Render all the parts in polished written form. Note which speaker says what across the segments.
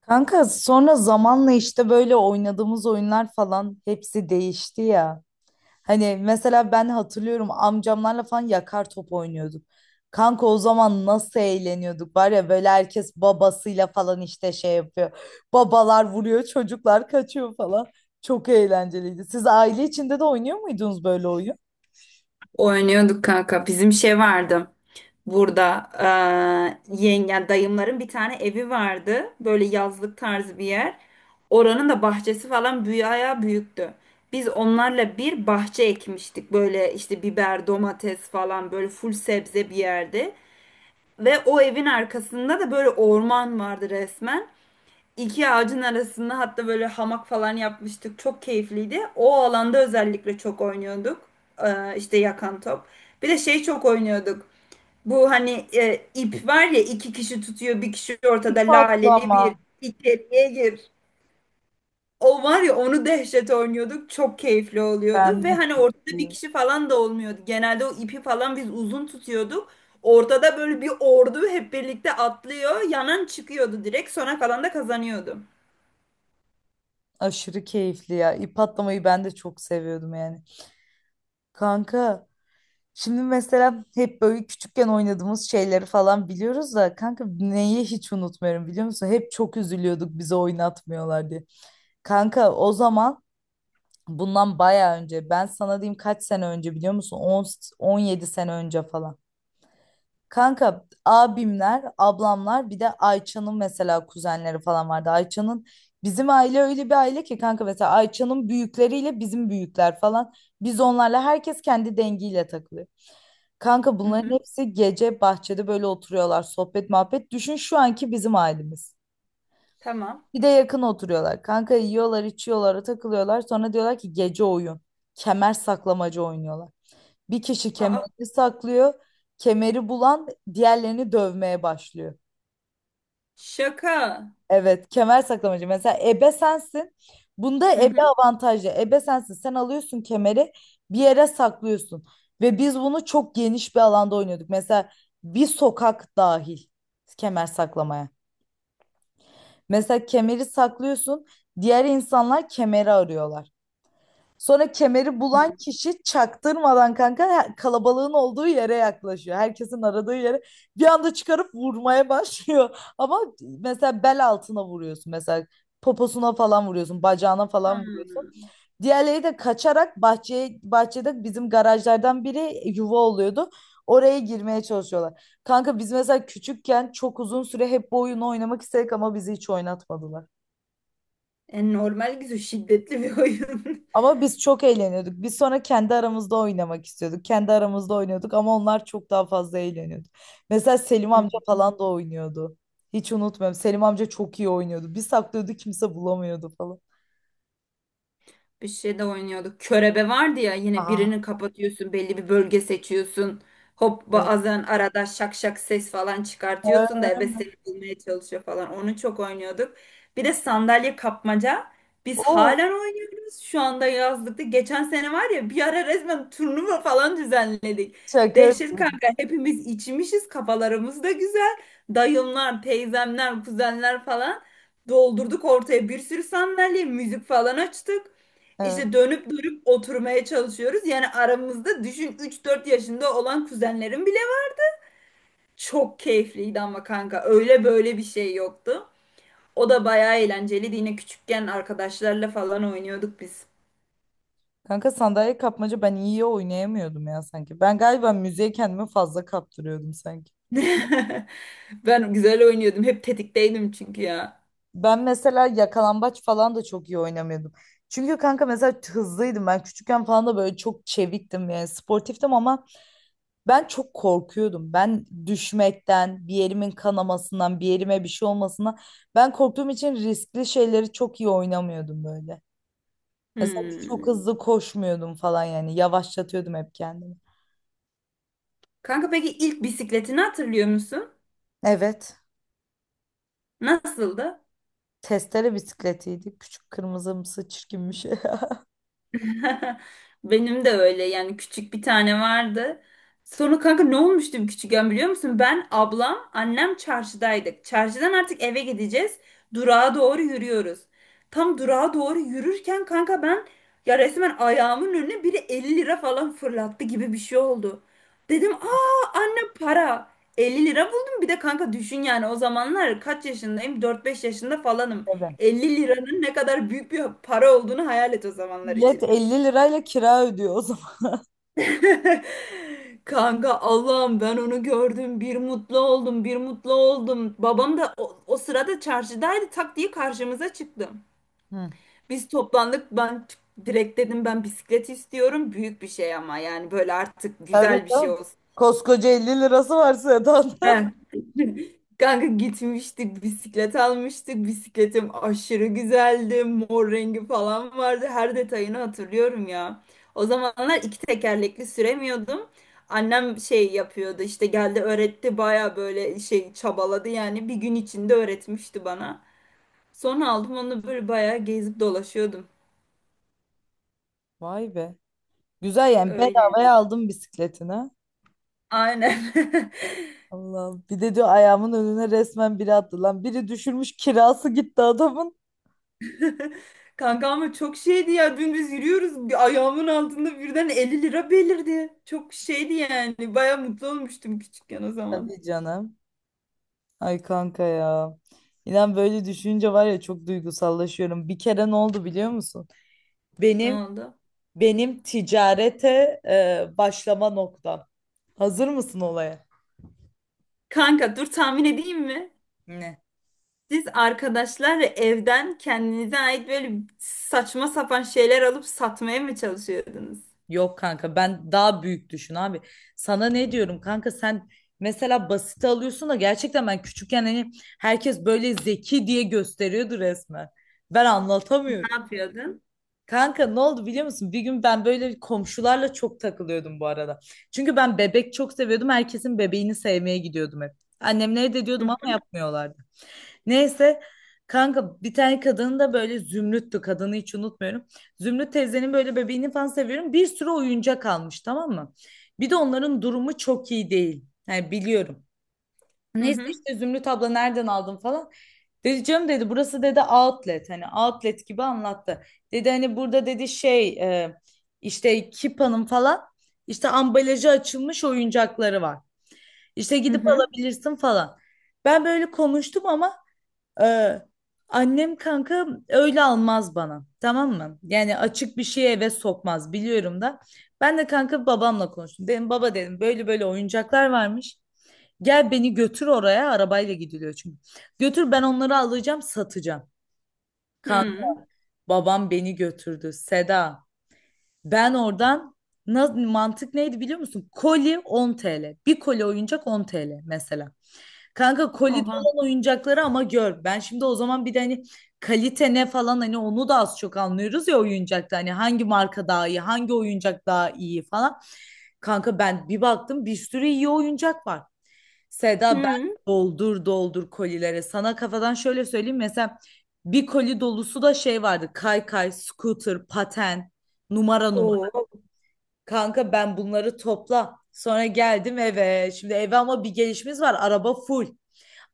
Speaker 1: Kanka sonra zamanla işte böyle oynadığımız oyunlar falan hepsi değişti ya. Hani mesela ben hatırlıyorum amcamlarla falan yakar top oynuyorduk. Kanka o zaman nasıl eğleniyorduk var ya böyle herkes babasıyla falan işte şey yapıyor. Babalar vuruyor çocuklar kaçıyor falan. Çok eğlenceliydi. Siz aile içinde de oynuyor muydunuz böyle oyun?
Speaker 2: Oynuyorduk kanka. Bizim şey vardı. Burada yengen dayımların bir tane evi vardı. Böyle yazlık tarzı bir yer. Oranın da bahçesi falan büyüktü. Biz onlarla bir bahçe ekmiştik. Böyle işte biber, domates falan böyle full sebze bir yerde. Ve o evin arkasında da böyle orman vardı resmen. İki ağacın arasında hatta böyle hamak falan yapmıştık. Çok keyifliydi. O alanda özellikle çok oynuyorduk. İşte yakan top. Bir de şey çok oynuyorduk. Bu hani ip var ya, iki kişi tutuyor, bir kişi ortada
Speaker 1: İp
Speaker 2: laleli bir
Speaker 1: atlama.
Speaker 2: içeriye gir. O var ya, onu dehşet oynuyorduk. Çok keyifli oluyordu
Speaker 1: Ben de
Speaker 2: ve hani
Speaker 1: çok
Speaker 2: ortada bir
Speaker 1: iyi.
Speaker 2: kişi falan da olmuyordu. Genelde o ipi falan biz uzun tutuyorduk. Ortada böyle bir ordu hep birlikte atlıyor. Yanan çıkıyordu direkt. Sona kalan da kazanıyordu.
Speaker 1: Aşırı keyifli ya. İp atlamayı ben de çok seviyordum yani. Kanka şimdi mesela hep böyle küçükken oynadığımız şeyleri falan biliyoruz da kanka neyi hiç unutmuyorum biliyor musun? Hep çok üzülüyorduk bizi oynatmıyorlar diye. Kanka o zaman bundan bayağı önce ben sana diyeyim kaç sene önce biliyor musun? On yedi sene önce falan. Kanka abimler, ablamlar bir de Ayça'nın mesela kuzenleri falan vardı. Bizim aile öyle bir aile ki kanka mesela Ayça'nın büyükleriyle bizim büyükler falan. Biz onlarla herkes kendi dengiyle takılıyor. Kanka
Speaker 2: Hı
Speaker 1: bunların
Speaker 2: hı.
Speaker 1: hepsi gece bahçede böyle oturuyorlar sohbet muhabbet. Düşün şu anki bizim ailemiz.
Speaker 2: Tamam.
Speaker 1: Bir de yakın oturuyorlar. Kanka yiyorlar, içiyorlar, takılıyorlar. Sonra diyorlar ki gece oyun. Kemer saklamacı oynuyorlar. Bir kişi
Speaker 2: Aa,
Speaker 1: kemerini saklıyor. Kemeri bulan diğerlerini dövmeye başlıyor.
Speaker 2: şaka.
Speaker 1: Evet, kemer saklamacı. Mesela ebe sensin. Bunda
Speaker 2: Hı
Speaker 1: ebe
Speaker 2: hı.
Speaker 1: avantajlı. Ebe sensin. Sen alıyorsun kemeri bir yere saklıyorsun. Ve biz bunu çok geniş bir alanda oynuyorduk. Mesela bir sokak dahil kemer saklamaya. Mesela kemeri saklıyorsun. Diğer insanlar kemeri arıyorlar. Sonra kemeri bulan
Speaker 2: Hmm.
Speaker 1: kişi çaktırmadan kanka kalabalığın olduğu yere yaklaşıyor. Herkesin aradığı yere bir anda çıkarıp vurmaya başlıyor. Ama mesela bel altına vuruyorsun, mesela poposuna falan vuruyorsun, bacağına falan vuruyorsun.
Speaker 2: Hmm.
Speaker 1: Diğerleri de kaçarak bahçede bizim garajlardan biri yuva oluyordu. Oraya girmeye çalışıyorlar. Kanka biz mesela küçükken çok uzun süre hep bu oyunu oynamak istedik ama bizi hiç oynatmadılar.
Speaker 2: E, normal güzel şiddetli bir oyun.
Speaker 1: Ama biz çok eğleniyorduk. Biz sonra kendi aramızda oynamak istiyorduk. Kendi aramızda oynuyorduk ama onlar çok daha fazla eğleniyordu. Mesela Selim amca
Speaker 2: Hı.
Speaker 1: falan da oynuyordu. Hiç unutmuyorum. Selim amca çok iyi oynuyordu. Bir saklıyordu, kimse bulamıyordu falan.
Speaker 2: Bir şey de oynuyorduk. Körebe vardı ya, yine
Speaker 1: Aa,
Speaker 2: birini kapatıyorsun, belli bir bölge seçiyorsun. Hop,
Speaker 1: evet.
Speaker 2: bazen arada şak şak ses falan çıkartıyorsun da ebe seni bulmaya çalışıyor falan. Onu çok oynuyorduk. Bir de sandalye kapmaca. Biz
Speaker 1: Oo,
Speaker 2: halen oynuyoruz. Şu anda yazlıkta. Geçen sene var ya, bir ara resmen turnuva falan düzenledik.
Speaker 1: şaka
Speaker 2: Dehşet
Speaker 1: yapıyorum.
Speaker 2: kanka, hepimiz içmişiz, kafalarımız da güzel. Dayımlar, teyzemler, kuzenler falan doldurduk ortaya bir sürü sandalye, müzik falan açtık.
Speaker 1: Evet.
Speaker 2: İşte dönüp dönüp oturmaya çalışıyoruz. Yani aramızda düşün, üç dört yaşında olan kuzenlerim bile var. Çok keyifliydi ama kanka öyle böyle bir şey yoktu. O da bayağı eğlenceliydi. Yine küçükken arkadaşlarla falan oynuyorduk biz.
Speaker 1: Kanka sandalye kapmaca ben iyi oynayamıyordum ya sanki. Ben galiba müziğe kendimi fazla kaptırıyordum sanki.
Speaker 2: Ben güzel oynuyordum. Hep tetikteydim çünkü ya.
Speaker 1: Ben mesela yakalambaç falan da çok iyi oynamıyordum. Çünkü kanka mesela hızlıydım ben küçükken falan, da böyle çok çeviktim yani sportiftim ama ben çok korkuyordum. Ben düşmekten, bir yerimin kanamasından, bir yerime bir şey olmasından ben korktuğum için riskli şeyleri çok iyi oynamıyordum böyle. Mesela çok
Speaker 2: Hmm.
Speaker 1: hızlı koşmuyordum falan, yani yavaşlatıyordum hep kendimi.
Speaker 2: Kanka, peki ilk bisikletini hatırlıyor musun?
Speaker 1: Evet,
Speaker 2: Nasıldı?
Speaker 1: testere bisikletiydi. Küçük kırmızımsı çirkin bir şey.
Speaker 2: Benim de öyle yani, küçük bir tane vardı. Sonra kanka ne olmuştu küçükken biliyor musun? Ben, ablam, annem çarşıdaydık. Çarşıdan artık eve gideceğiz. Durağa doğru yürüyoruz. Tam durağa doğru yürürken kanka ben ya resmen ayağımın önüne biri 50 lira falan fırlattı gibi bir şey oldu. Dedim aa anne, para. 50 lira buldum, bir de kanka düşün yani o zamanlar kaç yaşındayım? 4-5 yaşında falanım.
Speaker 1: Evet.
Speaker 2: 50 liranın ne kadar büyük bir para olduğunu hayal et o zamanlar
Speaker 1: Millet
Speaker 2: için.
Speaker 1: 50 lirayla kira ödüyor o zaman.
Speaker 2: Kanka Allah'ım, ben onu gördüm. Bir mutlu oldum, bir mutlu oldum. Babam da o sırada çarşıdaydı. Tak diye karşımıza çıktı.
Speaker 1: Hmm.
Speaker 2: Biz toplandık. Direkt dedim ben bisiklet istiyorum. Büyük bir şey, ama yani böyle artık
Speaker 1: Tabii
Speaker 2: güzel bir şey
Speaker 1: canım.
Speaker 2: olsun.
Speaker 1: Koskoca 50 lirası var Sedan.
Speaker 2: Ben. Kanka gitmiştik, bisiklet almıştık. Bisikletim aşırı güzeldi. Mor rengi falan vardı. Her detayını hatırlıyorum ya. O zamanlar iki tekerlekli süremiyordum. Annem şey yapıyordu, işte geldi öğretti, baya böyle şey çabaladı yani, bir gün içinde öğretmişti bana. Sonra aldım onu, böyle baya gezip dolaşıyordum.
Speaker 1: Vay be. Güzel, yani
Speaker 2: Öyle.
Speaker 1: bedavaya aldım bisikletini.
Speaker 2: Aynen.
Speaker 1: Allah. Bir de diyor ayağımın önüne resmen biri attı lan. Biri düşürmüş, kirası gitti adamın.
Speaker 2: Kanka ama çok şeydi ya, dün biz yürüyoruz, bir ayağımın altında birden 50 lira belirdi. Çok şeydi yani, baya mutlu olmuştum küçükken o zaman.
Speaker 1: Tabii canım. Ay kanka ya. İnan böyle düşünce var ya, çok duygusallaşıyorum. Bir kere ne oldu biliyor musun?
Speaker 2: Ne
Speaker 1: Benim
Speaker 2: oldu?
Speaker 1: benim ticarete başlama noktam. Hazır mısın olaya?
Speaker 2: Kanka dur, tahmin edeyim mi?
Speaker 1: Ne?
Speaker 2: Siz arkadaşlarla evden kendinize ait böyle saçma sapan şeyler alıp satmaya mı çalışıyordunuz?
Speaker 1: Yok kanka, ben daha büyük düşün abi. Sana ne diyorum kanka, sen mesela basite alıyorsun da gerçekten ben küçükken hani herkes böyle zeki diye gösteriyordu resmen. Ben
Speaker 2: Ne
Speaker 1: anlatamıyorum.
Speaker 2: yapıyordun?
Speaker 1: Kanka ne oldu biliyor musun? Bir gün ben böyle komşularla çok takılıyordum bu arada. Çünkü ben bebek çok seviyordum. Herkesin bebeğini sevmeye gidiyordum hep. Annemlere de
Speaker 2: Hı
Speaker 1: diyordum ama yapmıyorlardı. Neyse, kanka bir tane kadın da böyle Zümrüt'tü kadını hiç unutmuyorum. Zümrüt teyzenin böyle bebeğini falan seviyorum. Bir sürü oyuncak almış, tamam mı? Bir de onların durumu çok iyi değil. Yani biliyorum.
Speaker 2: hı
Speaker 1: Neyse
Speaker 2: hı
Speaker 1: işte, Zümrüt abla nereden aldın falan. Dedi canım, dedi burası, dedi outlet, hani outlet gibi anlattı. Dedi hani burada dedi şey, e, işte Kipa'nın falan işte ambalajı açılmış oyuncakları var. İşte
Speaker 2: hı
Speaker 1: gidip
Speaker 2: hı.
Speaker 1: alabilirsin falan. Ben böyle konuştum ama ee, annem kanka öyle almaz bana. Tamam mı? Yani açık bir şeye eve sokmaz, biliyorum da. Ben de kanka babamla konuştum. Dedim baba, dedim böyle böyle oyuncaklar varmış. Gel beni götür oraya, arabayla gidiliyor çünkü. Götür, ben onları alacağım, satacağım. Kanka
Speaker 2: Hı.
Speaker 1: babam beni götürdü Seda. Ben oradan mantık neydi biliyor musun? Koli 10 TL. Bir koli oyuncak 10 TL mesela. Kanka kolide
Speaker 2: Oha.
Speaker 1: olan oyuncakları ama gör. Ben şimdi o zaman bir de hani kalite ne falan, hani onu da az çok anlıyoruz ya oyuncakta. Hani hangi marka daha iyi, hangi oyuncak daha iyi falan. Kanka ben bir baktım bir sürü iyi oyuncak var. Seda ben
Speaker 2: Hı.
Speaker 1: doldur doldur kolilere. Sana kafadan şöyle söyleyeyim. Mesela bir koli dolusu da şey vardı. Kaykay, scooter, paten, numara numara.
Speaker 2: Oo.
Speaker 1: Kanka ben bunları topla. Sonra geldim eve. Şimdi eve ama bir gelişimiz var. Araba full,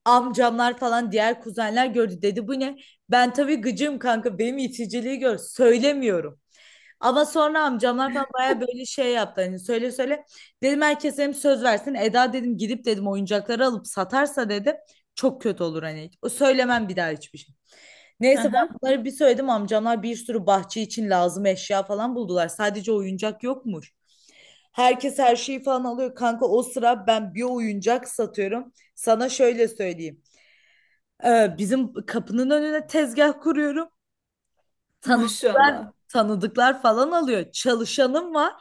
Speaker 1: amcamlar falan diğer kuzenler gördü, dedi bu ne? Ben tabii gıcığım kanka, benim iticiliği gör, söylemiyorum. Ama sonra amcamlar falan baya böyle şey yaptı, hani söyle söyle. Dedim herkes hem söz versin, Eda dedim gidip dedim oyuncakları alıp satarsa dedim çok kötü olur hani. O söylemem bir daha hiçbir şey. Neyse
Speaker 2: Aha.
Speaker 1: ben bunları bir söyledim, amcamlar bir sürü bahçe için lazım eşya falan buldular. Sadece oyuncak yokmuş. Herkes her şeyi falan alıyor. Kanka o sıra ben bir oyuncak satıyorum. Sana şöyle söyleyeyim. Bizim kapının önüne tezgah kuruyorum. Tanıdıklar,
Speaker 2: Maşallah.
Speaker 1: tanıdıklar falan alıyor. Çalışanım var.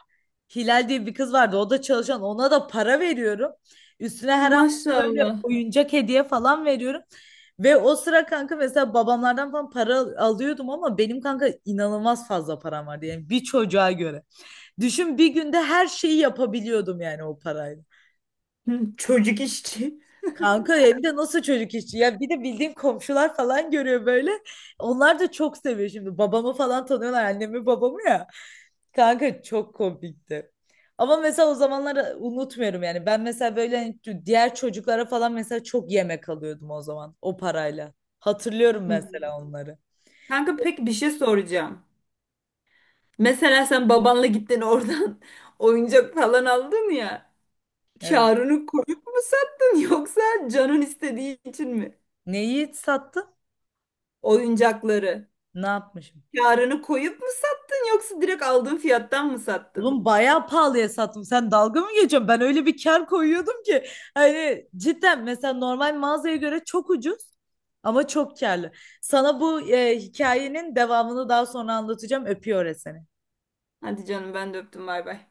Speaker 1: Hilal diye bir kız vardı. O da çalışan. Ona da para veriyorum. Üstüne her hafta böyle
Speaker 2: Maşallah.
Speaker 1: oyuncak hediye falan veriyorum. Ve o sıra kanka mesela babamlardan falan para alıyordum ama benim kanka inanılmaz fazla param vardı. Yani bir çocuğa göre. Düşün bir günde her şeyi yapabiliyordum yani o parayla.
Speaker 2: Hı, çocuk işçi.
Speaker 1: Kanka ya bir de nasıl çocuk işçi, ya bir de bildiğim komşular falan görüyor böyle. Onlar da çok seviyor şimdi. Babamı falan tanıyorlar, annemi babamı ya. Kanka çok komikti. Ama mesela o zamanları unutmuyorum yani. Ben mesela böyle hani diğer çocuklara falan mesela çok yemek alıyordum o zaman o parayla. Hatırlıyorum
Speaker 2: Hı.
Speaker 1: mesela onları.
Speaker 2: Kanka peki, bir şey soracağım. Mesela sen babanla gittin oradan oyuncak falan aldın ya.
Speaker 1: Evet.
Speaker 2: Karını koyup mu sattın yoksa canın istediği için mi?
Speaker 1: Neyi sattın?
Speaker 2: Oyuncakları.
Speaker 1: Ne yapmış?
Speaker 2: Karını koyup mu sattın yoksa direkt aldığın fiyattan mı sattın?
Speaker 1: Oğlum bayağı pahalıya sattım. Sen dalga mı geçiyorsun? Ben öyle bir kar koyuyordum ki. Hani cidden mesela normal mağazaya göre çok ucuz ama çok karlı. Sana bu hikayenin devamını daha sonra anlatacağım. Öpüyor seni.
Speaker 2: Hadi canım, ben de öptüm, bay bay.